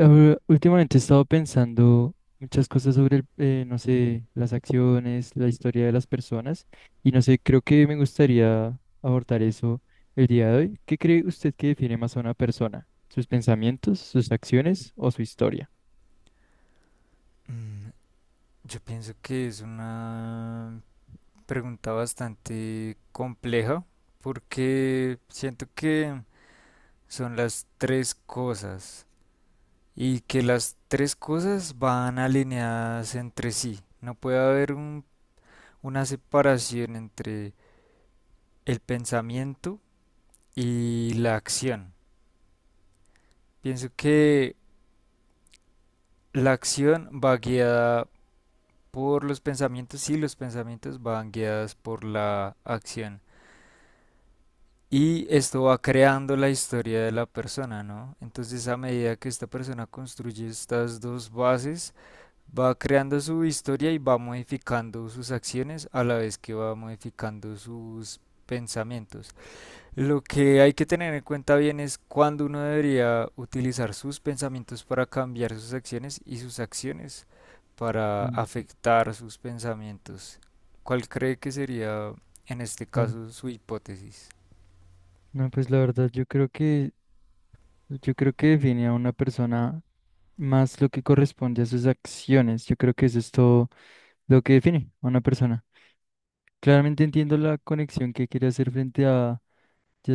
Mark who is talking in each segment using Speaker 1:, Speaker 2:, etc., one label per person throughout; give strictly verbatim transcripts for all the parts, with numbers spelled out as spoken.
Speaker 1: Ahora, Últimamente he estado pensando muchas cosas sobre, el- eh, no sé, las acciones, la historia de las personas y no sé, creo que me gustaría abordar eso el día de hoy. ¿Qué cree usted que define más a una persona? ¿Sus pensamientos, sus acciones o su historia?
Speaker 2: Mm, Yo pienso que es una pregunta bastante compleja porque siento que son las tres cosas y que las tres cosas van alineadas entre sí. No puede haber un- una separación entre el pensamiento y la acción. Pienso que la acción va guiada por los pensamientos y los pensamientos van guiadas por la acción. Y esto va creando la historia de la persona, ¿no? Entonces a medida que esta persona construye estas dos bases, va creando su historia y va modificando sus acciones a la vez que va modificando sus pensamientos. Lo que hay que tener en cuenta bien es cuándo uno debería utilizar sus pensamientos para cambiar sus acciones y sus acciones para
Speaker 1: Mm.
Speaker 2: afectar sus pensamientos. ¿Cuál cree que sería en este
Speaker 1: Claro.
Speaker 2: caso su hipótesis?
Speaker 1: No, pues la verdad, yo creo que, yo creo que define a una persona más lo que corresponde a sus acciones. Yo creo que eso es todo lo que define a una persona. Claramente entiendo la conexión que quiere hacer frente ya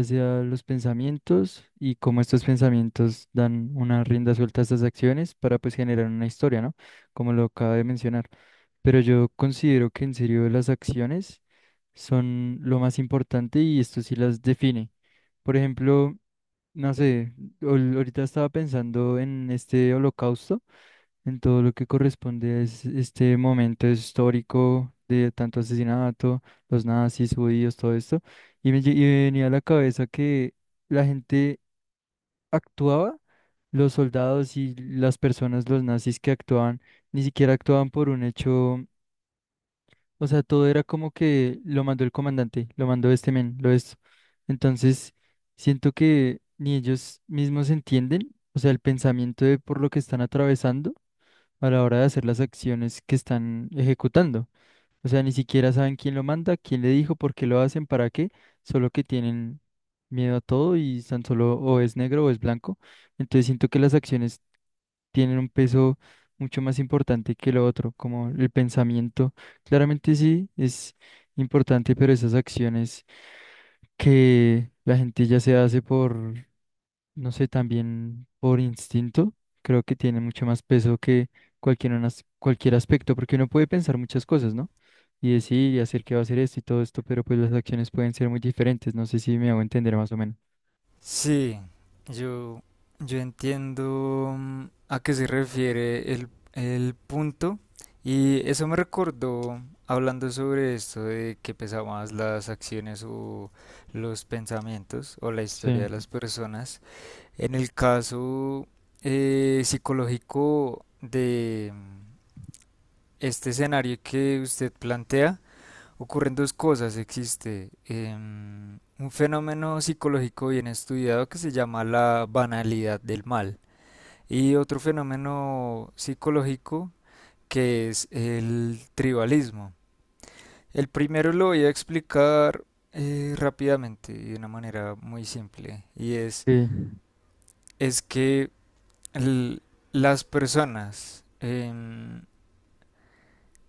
Speaker 1: sea los pensamientos y cómo estos pensamientos dan una rienda suelta a estas acciones para pues generar una historia, ¿no? Como lo acaba de mencionar. Pero yo considero que en serio las acciones son lo más importante y esto sí las define. Por ejemplo, no sé, ahor- ahorita estaba pensando en este holocausto en todo lo que corresponde a es- este momento histórico de tanto asesinato, los nazis, judíos, todo esto. Y me, lle- y me venía a la cabeza que la gente actuaba, los soldados y las personas, los nazis que actuaban, ni siquiera actuaban por un hecho, o sea, todo era como que lo mandó el comandante, lo mandó este men, lo esto. Entonces, siento que ni ellos mismos entienden, o sea, el pensamiento de por lo que están atravesando a la hora de hacer las acciones que están ejecutando. O sea, ni siquiera saben quién lo manda, quién le dijo, por qué lo hacen, para qué, solo que tienen miedo a todo y tan solo o es negro o es blanco. Entonces siento que las acciones tienen un peso mucho más importante que lo otro, como el pensamiento. Claramente sí es importante, pero esas acciones que la gente ya se hace por no sé, también por instinto, creo que tiene mucho más peso que cualquier, unas- cualquier aspecto, porque uno puede pensar muchas cosas, ¿no? Y decir y hacer que va a hacer esto y todo esto, pero pues las acciones pueden ser muy diferentes, no sé si me hago entender más o menos.
Speaker 2: Sí, yo, yo entiendo mm, a qué se refiere el, el punto y eso me recordó hablando sobre esto de que pesa más las acciones o los pensamientos o la
Speaker 1: Sí,
Speaker 2: historia de las personas. En el caso eh, psicológico de mm, este escenario que usted plantea, ocurren dos cosas. Existe em, un fenómeno psicológico bien estudiado que se llama la banalidad del mal y otro fenómeno psicológico que es el tribalismo. El primero lo voy a explicar eh, rápidamente y de una manera muy simple y es,
Speaker 1: sí,
Speaker 2: es que el- las personas em,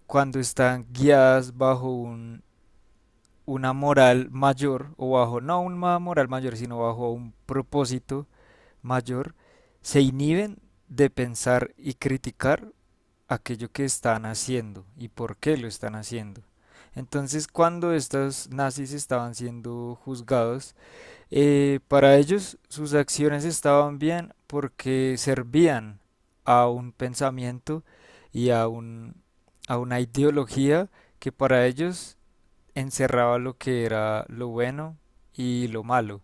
Speaker 2: cuando están guiadas bajo un una moral mayor o bajo, no una moral mayor, sino bajo un propósito mayor, se inhiben de pensar y criticar aquello que están haciendo y por qué lo están haciendo. Entonces, cuando estos nazis estaban siendo juzgados, eh, para ellos sus acciones estaban bien porque servían a un pensamiento y a, un, a una ideología que para ellos encerraba lo que era lo bueno y lo malo.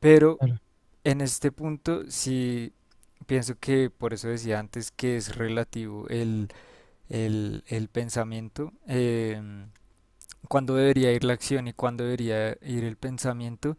Speaker 2: Pero
Speaker 1: claro.
Speaker 2: en este punto sí pienso que por eso decía antes que es relativo el, el, el pensamiento, em, cuándo debería ir la acción y cuándo debería ir el pensamiento.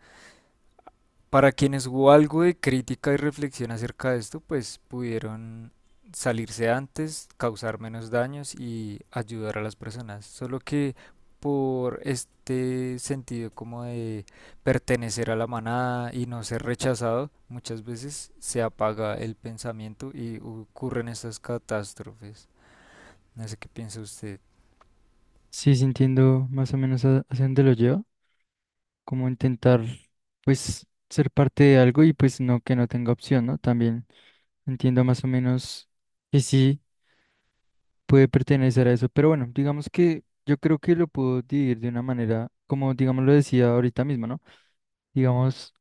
Speaker 2: Para quienes hubo algo de crítica y reflexión acerca de esto, pues pudieron salirse antes, causar menos daños y ayudar a las personas. Solo que por este sentido como de pertenecer a la manada y no ser rechazado, muchas veces se apaga el pensamiento y ocurren estas catástrofes. No sé qué piensa usted.
Speaker 1: Sí, sí entiendo más o menos a- hacia dónde lo lleva, como intentar, pues, ser parte de algo y pues no que no tenga opción, ¿no? También entiendo más o menos que sí. Puede pertenecer a eso. Pero bueno, digamos que yo creo que lo puedo dividir de una manera, como digamos lo decía ahorita mismo, ¿no? Digamos,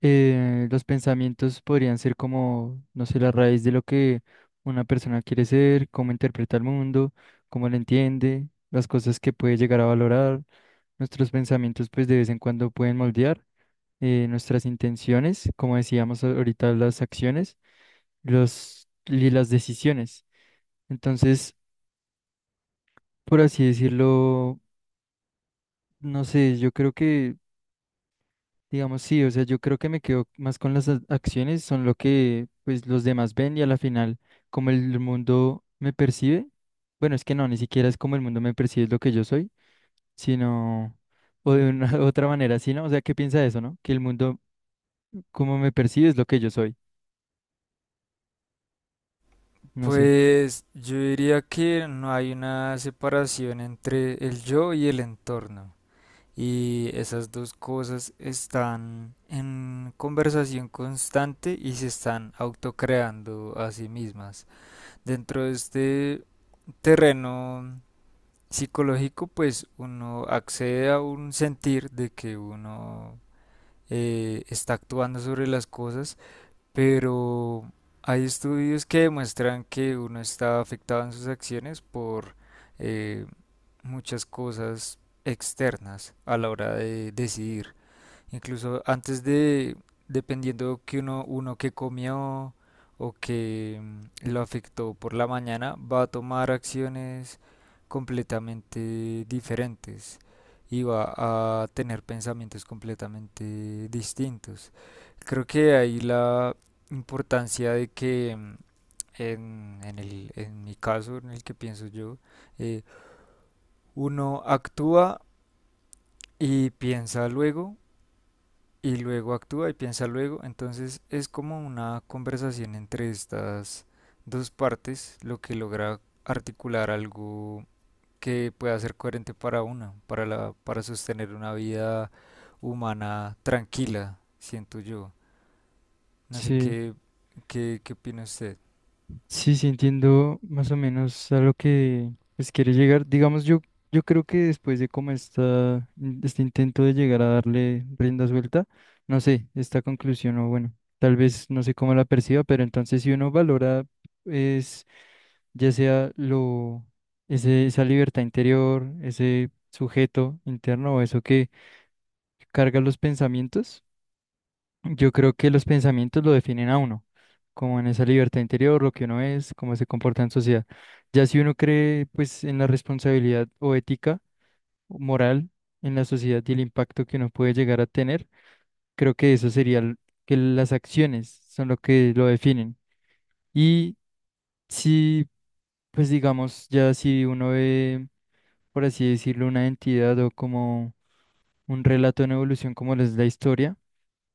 Speaker 1: eh, los pensamientos podrían ser como, no sé, la raíz de lo que una persona quiere ser, cómo interpreta el mundo, cómo lo entiende, las cosas que puede llegar a valorar. Nuestros pensamientos, pues de vez en cuando pueden moldear eh, nuestras intenciones, como decíamos ahorita, las acciones, los, y las decisiones. Entonces, por así decirlo, no sé, yo creo que, digamos, sí, o sea, yo creo que me quedo más con las a- acciones, son lo que pues los demás ven y a la final, como el mundo me percibe, bueno, es que no, ni siquiera es como el mundo me percibe, es lo que yo soy, sino, o de una otra manera, sino, o sea, ¿qué piensa de eso, no? Que el mundo como me percibe es lo que yo soy, no sé.
Speaker 2: Pues yo diría que no hay una separación entre el yo y el entorno. Y esas dos cosas están en conversación constante y se están autocreando a sí mismas. Dentro de este terreno psicológico, pues uno accede a un sentir de que uno eh, está actuando sobre las cosas, pero hay estudios que demuestran que uno está afectado en sus acciones por eh, muchas cosas externas a la hora de decidir. Incluso antes de, dependiendo que uno, uno que comió o que mm, lo afectó por la mañana, va a tomar acciones completamente diferentes y va a tener pensamientos completamente distintos. Creo que ahí la importancia de que mm, en, en el- en mi caso, en el que pienso yo, eh, uno actúa y piensa luego y luego actúa y piensa luego. Entonces es como una conversación entre estas dos partes lo que logra articular algo que pueda ser coherente para una, para la, para sostener una vida humana tranquila, siento yo. No sé
Speaker 1: Sí.
Speaker 2: qué, qué, qué opina usted.
Speaker 1: Sí, sí, entiendo más o menos a lo que pues, quiere llegar. Digamos, yo, yo creo que después de como esta, in- este intento de llegar a darle rienda suelta, no sé, esta conclusión, o bueno, tal vez no sé cómo la perciba, pero entonces si uno valora, es ya sea lo, ese, esa libertad interior, ese sujeto interno o eso que carga los pensamientos. Yo creo que los pensamientos lo definen a uno, como en esa libertad interior, lo que uno es, cómo se comporta en sociedad. Ya si uno cree pues en la responsabilidad o ética o moral en la sociedad y el impacto que uno puede llegar a tener, creo que eso sería l- que las acciones son lo que lo definen. Y si pues digamos ya si uno ve, por así decirlo, una entidad o como un relato en evolución como lo es la historia.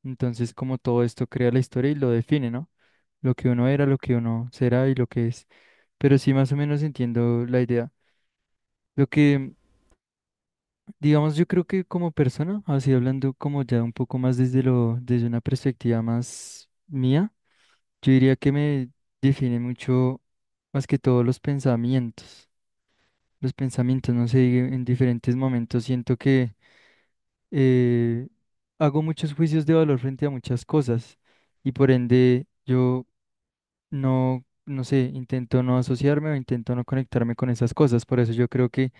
Speaker 1: Entonces, como todo esto crea la historia y lo define, ¿no? Lo que uno era, lo que uno será y lo que es. Pero sí, más o menos entiendo la idea. Lo que, digamos, yo creo que como persona, así hablando como ya un poco más desde lo, desde una perspectiva más mía, yo diría que me define mucho más que todo los pensamientos. Los pensamientos, no sé, en diferentes momentos siento que eh, hago muchos juicios de valor frente a muchas cosas y por ende yo no, no sé, intento no asociarme o intento no conectarme con esas cosas. Por eso yo creo que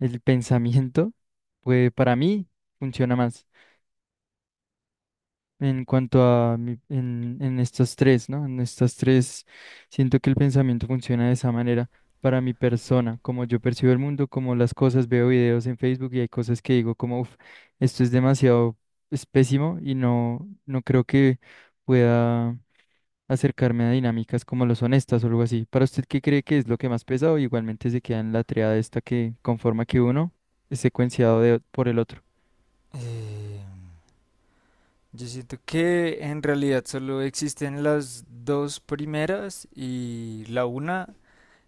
Speaker 1: el pensamiento, pues para mí, funciona más en cuanto a mi- en, en estas tres, ¿no? En estas tres, siento que el pensamiento funciona de esa manera para mi persona, como yo percibo el mundo, como las cosas, veo videos en Facebook y hay cosas que digo como, uff, esto es demasiado, es pésimo y no, no creo que pueda acercarme a dinámicas como lo son estas o algo así. ¿Para usted qué cree que es lo que más pesa o igualmente se queda en la triada esta que conforma que uno es secuenciado de, por el otro?
Speaker 2: Yo siento que en realidad solo existen las dos primeras y la una.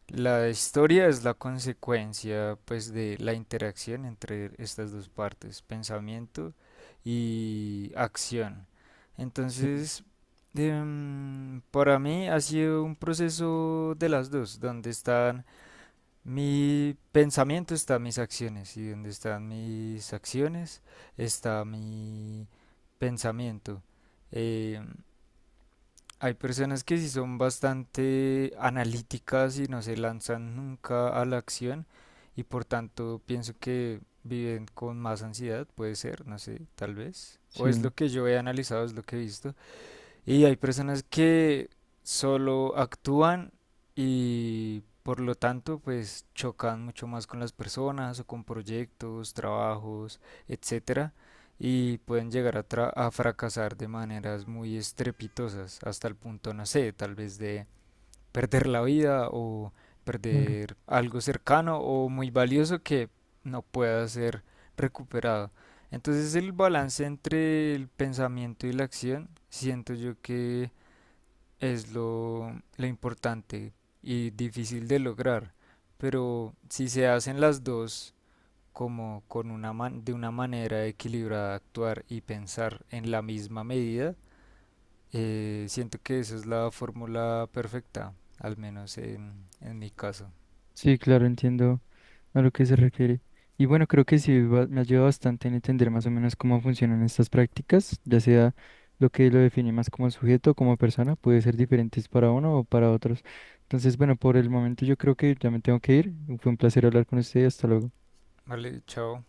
Speaker 2: La historia es la consecuencia, pues, de la interacción entre estas dos partes, pensamiento y acción.
Speaker 1: Sí,
Speaker 2: Entonces, em, para mí ha sido un proceso de las dos, donde están mi pensamiento, están mis acciones, y donde están mis acciones, está mi pensamiento. Em, Hay personas que sí son bastante analíticas y no se lanzan nunca a la acción y por tanto pienso que viven con más ansiedad, puede ser, no sé, tal vez. O es
Speaker 1: sí,
Speaker 2: lo que yo he analizado, es lo que he visto. Y hay personas que solo actúan y por lo tanto pues chocan mucho más con las personas o con proyectos, trabajos, etcétera, y pueden llegar a, tra- a fracasar de maneras muy estrepitosas hasta el punto, no sé, tal vez de perder la vida o
Speaker 1: claro.
Speaker 2: perder algo cercano o muy valioso que no pueda ser recuperado. Entonces el balance entre el pensamiento y la acción siento yo que es lo, lo importante y difícil de lograr. Pero si se hacen las dos como con una man- de una manera equilibrada actuar y pensar en la misma medida, eh, siento que esa es la fórmula perfecta, al menos en, en mi caso.
Speaker 1: Sí, claro, entiendo a lo que se refiere. Y bueno, creo que sí va- me ayuda bastante en entender más o menos cómo funcionan estas prácticas, ya sea lo que lo define más como sujeto o como persona, puede ser diferentes para uno o para otros. Entonces, bueno, por el momento yo creo que ya me tengo que ir. Fue un placer hablar con usted, hasta luego.
Speaker 2: Vale, chao.